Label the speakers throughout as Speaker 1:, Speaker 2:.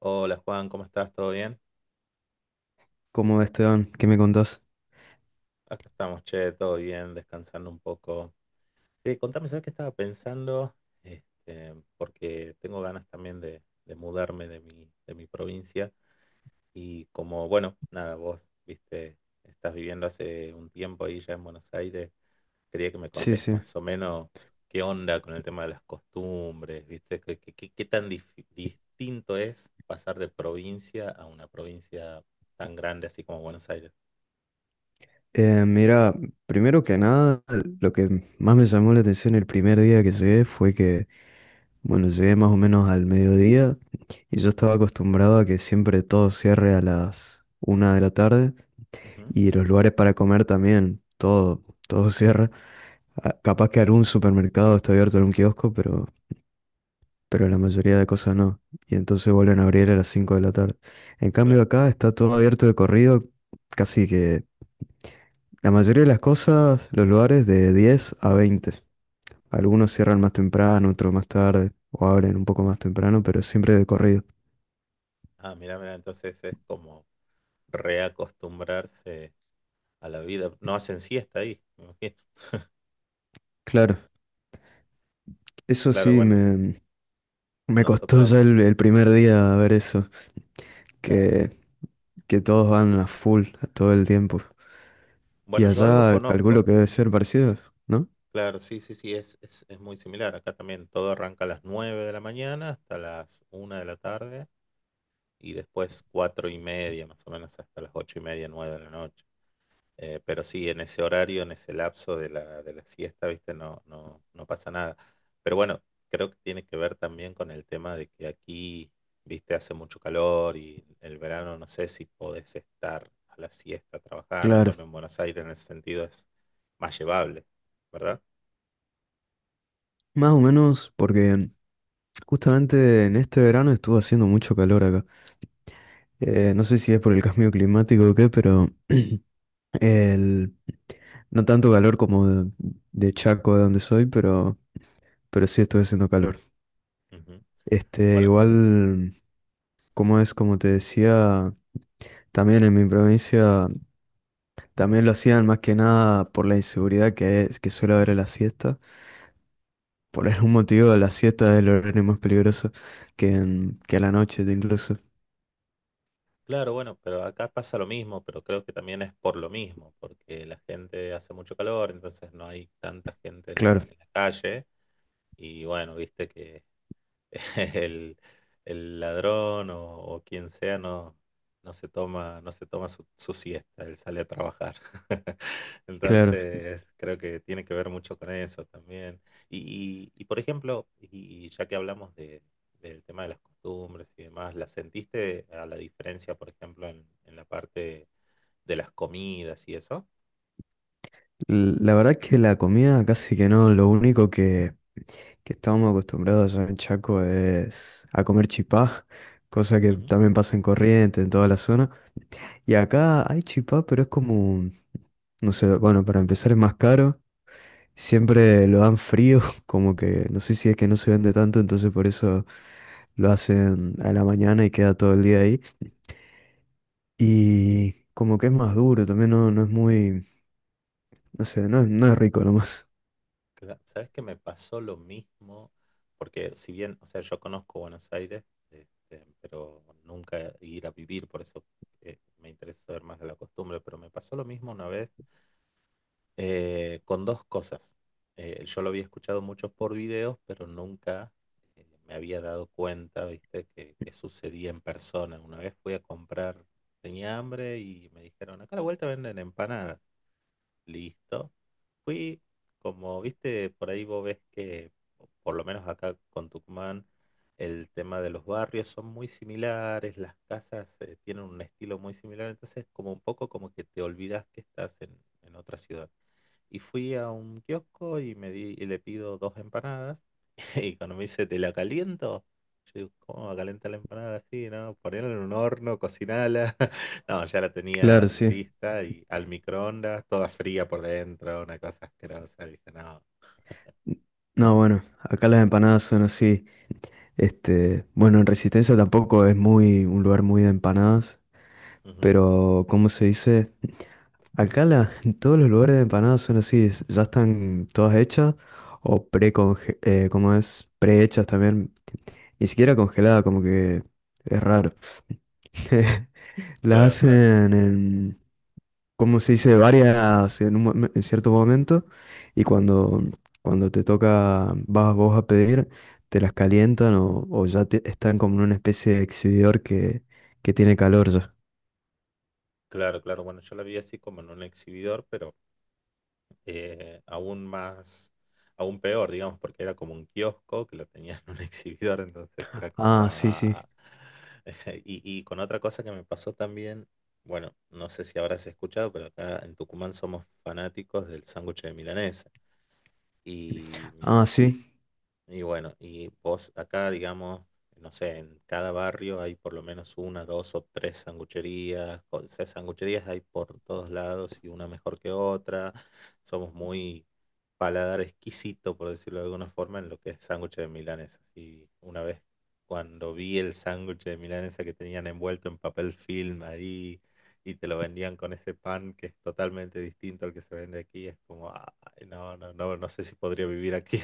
Speaker 1: Hola Juan, ¿cómo estás? ¿Todo bien?
Speaker 2: ¿Cómo Esteban? ¿Qué me contás?
Speaker 1: Acá estamos, che, todo bien, descansando un poco. Sí, contame, ¿sabes qué estaba pensando? Porque tengo ganas también de mudarme de mi provincia. Y como, bueno, nada, vos, viste, estás viviendo hace un tiempo ahí ya en Buenos Aires. Quería que me
Speaker 2: Sí,
Speaker 1: contés
Speaker 2: sí.
Speaker 1: más o menos qué onda con el tema de las costumbres, viste, qué tan distinto es pasar de provincia a una provincia tan grande así como Buenos Aires.
Speaker 2: Mira, primero que nada, lo que más me llamó la atención el primer día que llegué fue que, bueno, llegué más o menos al mediodía y yo estaba acostumbrado a que siempre todo cierre a las 1 de la tarde
Speaker 1: Ujú,
Speaker 2: y los lugares para comer también, todo cierra. Ah, capaz que algún supermercado está abierto, algún kiosco, pero la mayoría de cosas no. Y entonces vuelven a abrir a las 5 de la tarde. En
Speaker 1: claro.
Speaker 2: cambio acá está todo abierto de corrido, casi que la mayoría de las cosas, los lugares de 10 a 20. Algunos cierran más temprano, otros más tarde, o abren un poco más temprano, pero siempre de corrido.
Speaker 1: Ah, mira, mira, entonces es como reacostumbrarse a la vida. No hacen siesta ahí, me imagino.
Speaker 2: Claro, eso
Speaker 1: Claro,
Speaker 2: sí,
Speaker 1: bueno,
Speaker 2: me costó
Speaker 1: nosotros,
Speaker 2: ya el primer día ver eso,
Speaker 1: claro.
Speaker 2: que, que todos van a full todo el tiempo. Y
Speaker 1: Bueno, yo algo
Speaker 2: allá calculo
Speaker 1: conozco.
Speaker 2: que debe ser parecido, ¿no?
Speaker 1: Claro, sí, sí, sí, es muy similar. Acá también todo arranca a las 9 de la mañana hasta las 1 de la tarde y después 4:30, más o menos, hasta las 8:30, 9 de la noche. Pero sí, en ese horario, en ese lapso de la siesta, ¿viste? No, no, no pasa nada. Pero bueno, creo que tiene que ver también con el tema de que aquí, ¿viste? Hace mucho calor y el verano no sé si podés estar a la siesta trabajando. En
Speaker 2: Claro,
Speaker 1: cambio, en Buenos Aires en ese sentido es más llevable, ¿verdad?
Speaker 2: más o menos porque justamente en este verano estuvo haciendo mucho calor acá. No sé si es por el cambio climático o qué, pero. El, no tanto calor como de Chaco, de donde soy, pero sí estuve haciendo calor.
Speaker 1: Ujú.
Speaker 2: Este,
Speaker 1: Bueno,
Speaker 2: igual, como es, como te decía, también en mi provincia, también lo hacían más que nada por la inseguridad que suele haber en la siesta. Por algún motivo, la siesta es el horario más peligroso que a la noche incluso.
Speaker 1: claro, bueno, pero acá pasa lo mismo, pero creo que también es por lo mismo, porque la gente hace mucho calor, entonces no hay tanta gente
Speaker 2: Claro,
Speaker 1: en la calle y bueno, viste que El, el ladrón o quien sea no, no se toma su siesta, él sale a trabajar.
Speaker 2: claro.
Speaker 1: Entonces, creo que tiene que ver mucho con eso también. Y, por ejemplo, y ya que hablamos del tema de las costumbres y demás, ¿la sentiste a la diferencia, por ejemplo, en la parte de las comidas y eso?
Speaker 2: La verdad que la comida casi que no, lo único que estábamos acostumbrados allá en Chaco es a comer chipá, cosa que también pasa en Corrientes, en toda la zona. Y acá hay chipá, pero es como, no sé, bueno, para empezar es más caro. Siempre lo dan frío, como que no sé si es que no se vende tanto, entonces por eso lo hacen a la mañana y queda todo el día ahí. Y como que es más duro, también no es muy, no sé, no es rico nomás.
Speaker 1: Sabes que me pasó lo mismo, porque si bien, o sea, yo conozco Buenos Aires, pero nunca ir a vivir, por eso me interesa saber más de la costumbre, pero me pasó lo mismo una vez con dos cosas. Yo lo había escuchado mucho por videos, pero nunca me había dado cuenta, ¿viste? Que sucedía en persona. Una vez fui a comprar, tenía hambre y me dijeron, acá a la vuelta venden empanadas. Listo. Fui, como viste, por ahí vos ves que, por lo menos acá con Tucumán, el tema de los barrios son muy similares, las casas tienen un estilo muy similar, entonces como un poco como que te olvidas que estás en otra ciudad. Y fui a un kiosco y le pido dos empanadas. Y cuando me dice, ¿te la caliento? Yo digo, ¿cómo va a calentar la empanada así, no? Ponerla en un horno, cocinala. No, ya la
Speaker 2: Claro,
Speaker 1: tenían
Speaker 2: sí.
Speaker 1: lista y al microondas, toda fría por dentro, una cosa asquerosa. Dije, no.
Speaker 2: No, bueno, acá las empanadas son así. Este, bueno, en Resistencia tampoco es muy un lugar muy de empanadas,
Speaker 1: Ujú.
Speaker 2: pero ¿cómo se dice? Acá en todos los lugares de empanadas son así, ya están todas hechas o pre ¿cómo es? Prehechas también, ni siquiera congeladas, como que es raro. Las
Speaker 1: Claro,
Speaker 2: hacen
Speaker 1: claro.
Speaker 2: en, cómo se dice, varias en cierto momento y cuando te toca, vas vos a pedir, te las calientan o ya están como en una especie de exhibidor que tiene calor ya.
Speaker 1: Claro, claro. Bueno, yo la vi así como en un exhibidor, pero aún más, aún peor, digamos, porque era como un kiosco que lo tenía en un exhibidor, entonces era como...
Speaker 2: Ah, sí, sí.
Speaker 1: ah, Y con otra cosa que me pasó también, bueno, no sé si habrás escuchado, pero acá en Tucumán somos fanáticos del sándwich de milanesa. Y
Speaker 2: Ah, sí.
Speaker 1: y bueno, y vos acá, digamos, no sé, en cada barrio hay por lo menos una, dos o tres sangucherías. O sea, sangucherías hay por todos lados y una mejor que otra. Somos muy paladar exquisito, por decirlo de alguna forma, en lo que es sándwich de milanesa. Y una vez cuando vi el sándwich de milanesa que tenían envuelto en papel film ahí y te lo vendían con ese pan que es totalmente distinto al que se vende aquí, es como, ay, no, no, no, no sé si podría vivir aquí.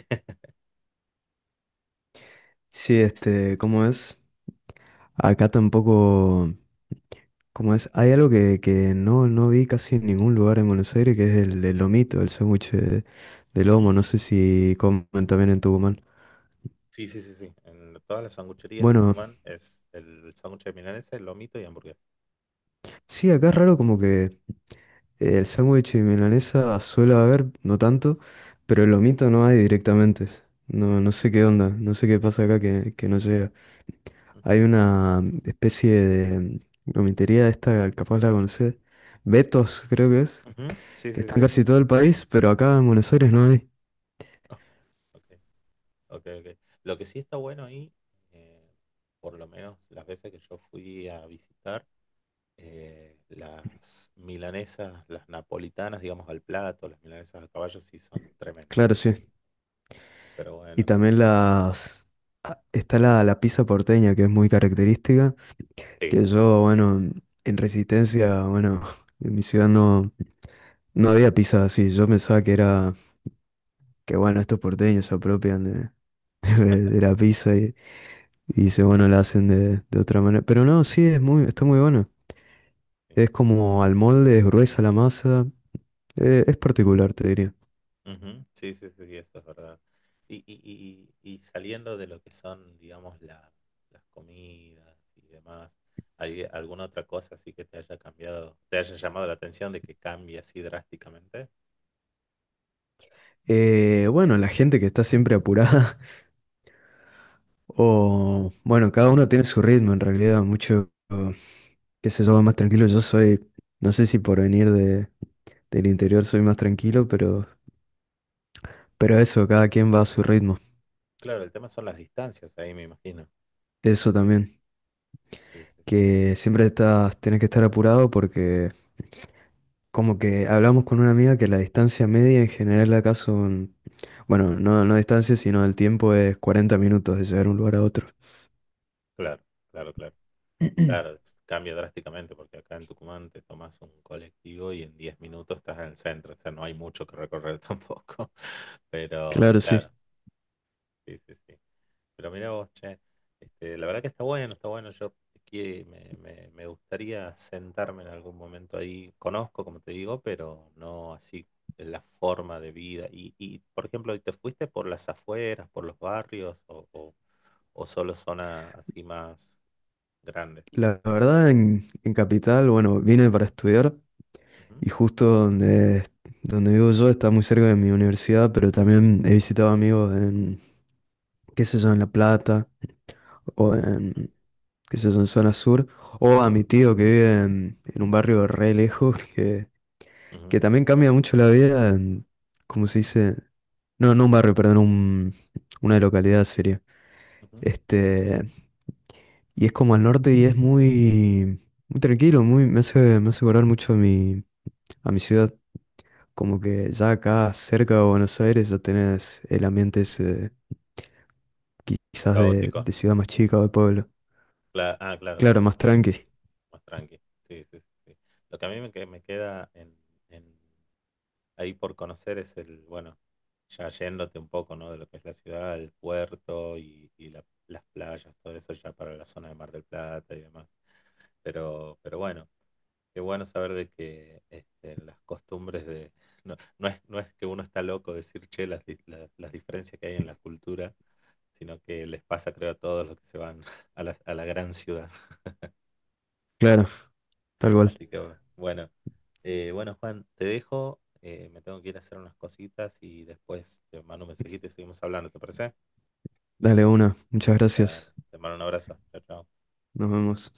Speaker 2: Sí, este, ¿cómo es? Acá tampoco, ¿cómo es? Hay algo que no vi casi en ningún lugar en Buenos Aires, que es el lomito, el sándwich de lomo. No sé si comen también en Tucumán.
Speaker 1: Sí, sí, sí, sí. En todas las sangucherías de
Speaker 2: Bueno,
Speaker 1: Tucumán es el sándwich de milanesa, el lomito y hamburguesa.
Speaker 2: sí, acá es raro como que. El sándwich de milanesa suele haber, no tanto, pero el lomito no hay directamente. No, no sé qué onda, no sé qué pasa acá que no llega.
Speaker 1: Ujú,
Speaker 2: Hay una especie de lomitería esta, capaz la conocés, Betos creo que es,
Speaker 1: ujú, sí,
Speaker 2: que
Speaker 1: sí,
Speaker 2: está en
Speaker 1: sí.
Speaker 2: casi todo el país, pero acá en Buenos Aires no hay.
Speaker 1: Ah, ok, ok, ok. Lo que sí está bueno ahí, eh, por lo menos las veces que yo fui a visitar, las milanesas, las napolitanas, digamos, al plato, las milanesas a caballo sí son tremendas.
Speaker 2: Claro, sí.
Speaker 1: Pero
Speaker 2: Y
Speaker 1: bueno,
Speaker 2: también está la pizza porteña, que es muy característica,
Speaker 1: sí.
Speaker 2: que yo, bueno, en Resistencia, bueno, en mi ciudad no. No había pizza así, yo pensaba que era que bueno, estos porteños se apropian de la pizza y se bueno, la hacen de otra manera. Pero no, sí, está muy bueno. Es como al molde, es gruesa la masa. Es particular, te diría.
Speaker 1: Ujú, sí, sí, sí, eso es verdad. Y saliendo de lo que son, digamos, las comidas y demás, ¿hay alguna otra cosa así que te haya cambiado, te haya llamado la atención de que cambie así drásticamente?
Speaker 2: Bueno, la gente que está siempre apurada.
Speaker 1: Ujú.
Speaker 2: O bueno, cada uno tiene su ritmo en realidad. Mucho, qué sé yo, más tranquilo. Yo soy, no sé si por venir del interior soy más tranquilo, pero eso,
Speaker 1: C-
Speaker 2: cada quien va a su ritmo.
Speaker 1: Claro, el tema son las distancias ahí, me imagino.
Speaker 2: Eso también.
Speaker 1: Sí, sí, sí.
Speaker 2: Que siempre tienes que estar apurado porque como que hablamos con una amiga que la distancia media en general acá son, bueno, no, no distancia, sino el tiempo es 40 minutos de llegar de un lugar a otro.
Speaker 1: Claro, claro, claro. Claro, cambia drásticamente porque acá en Tucumán te tomas un colectivo y en 10 minutos estás en el centro, o sea, no hay mucho que recorrer tampoco. Pero
Speaker 2: Claro, sí.
Speaker 1: claro, sí, sí, sí. Pero mirá vos, che, la verdad que está bueno, está bueno. Yo que me gustaría sentarme en algún momento ahí. Conozco, como te digo, pero no así la forma de vida. Y por ejemplo, ¿te fuiste por las afueras, por los barrios o solo zona así más grande?
Speaker 2: La verdad, en Capital, bueno, vine para estudiar
Speaker 1: Ujú,
Speaker 2: y justo donde vivo yo está muy cerca de mi universidad, pero también he visitado amigos qué sé yo, en La Plata o
Speaker 1: ujú,
Speaker 2: qué sé yo, en zona sur, o a mi tío que vive en un barrio re lejos, que
Speaker 1: ujú,
Speaker 2: también cambia mucho la vida, ¿cómo se dice? No, no un barrio, perdón, una localidad sería.
Speaker 1: ujú.
Speaker 2: Este, y es como al norte y es muy, muy tranquilo, me hace acordar mucho a mi ciudad. Como que ya acá cerca de Buenos Aires ya tenés el ambiente ese, quizás de,
Speaker 1: Caótico.
Speaker 2: de ciudad más chica o de pueblo.
Speaker 1: Ah, claro,
Speaker 2: Claro,
Speaker 1: claro,
Speaker 2: más
Speaker 1: claro.
Speaker 2: tranqui.
Speaker 1: Más tranqui. Sí, sí, sí. Sí. Lo que a mí me queda en, ahí por conocer es el, bueno, ya yéndote un poco, ¿no? De lo que es la ciudad, el puerto y las playas, todo eso ya para la zona de Mar del Plata y demás. Pero bueno, qué bueno saber de que las costumbres de... No, no es que uno está loco decir, che, las diferencias que hay en la cultura, sino que les pasa, creo, a todos los que se van a la gran ciudad.
Speaker 2: Claro, tal cual.
Speaker 1: Así que bueno. Bueno, Juan, te dejo, me tengo que ir a hacer unas cositas y después te mando un mensajito y seguimos hablando, ¿te parece?
Speaker 2: Dale una. Muchas
Speaker 1: Dale,
Speaker 2: gracias.
Speaker 1: te mando un abrazo. Chao, chao.
Speaker 2: Nos vemos.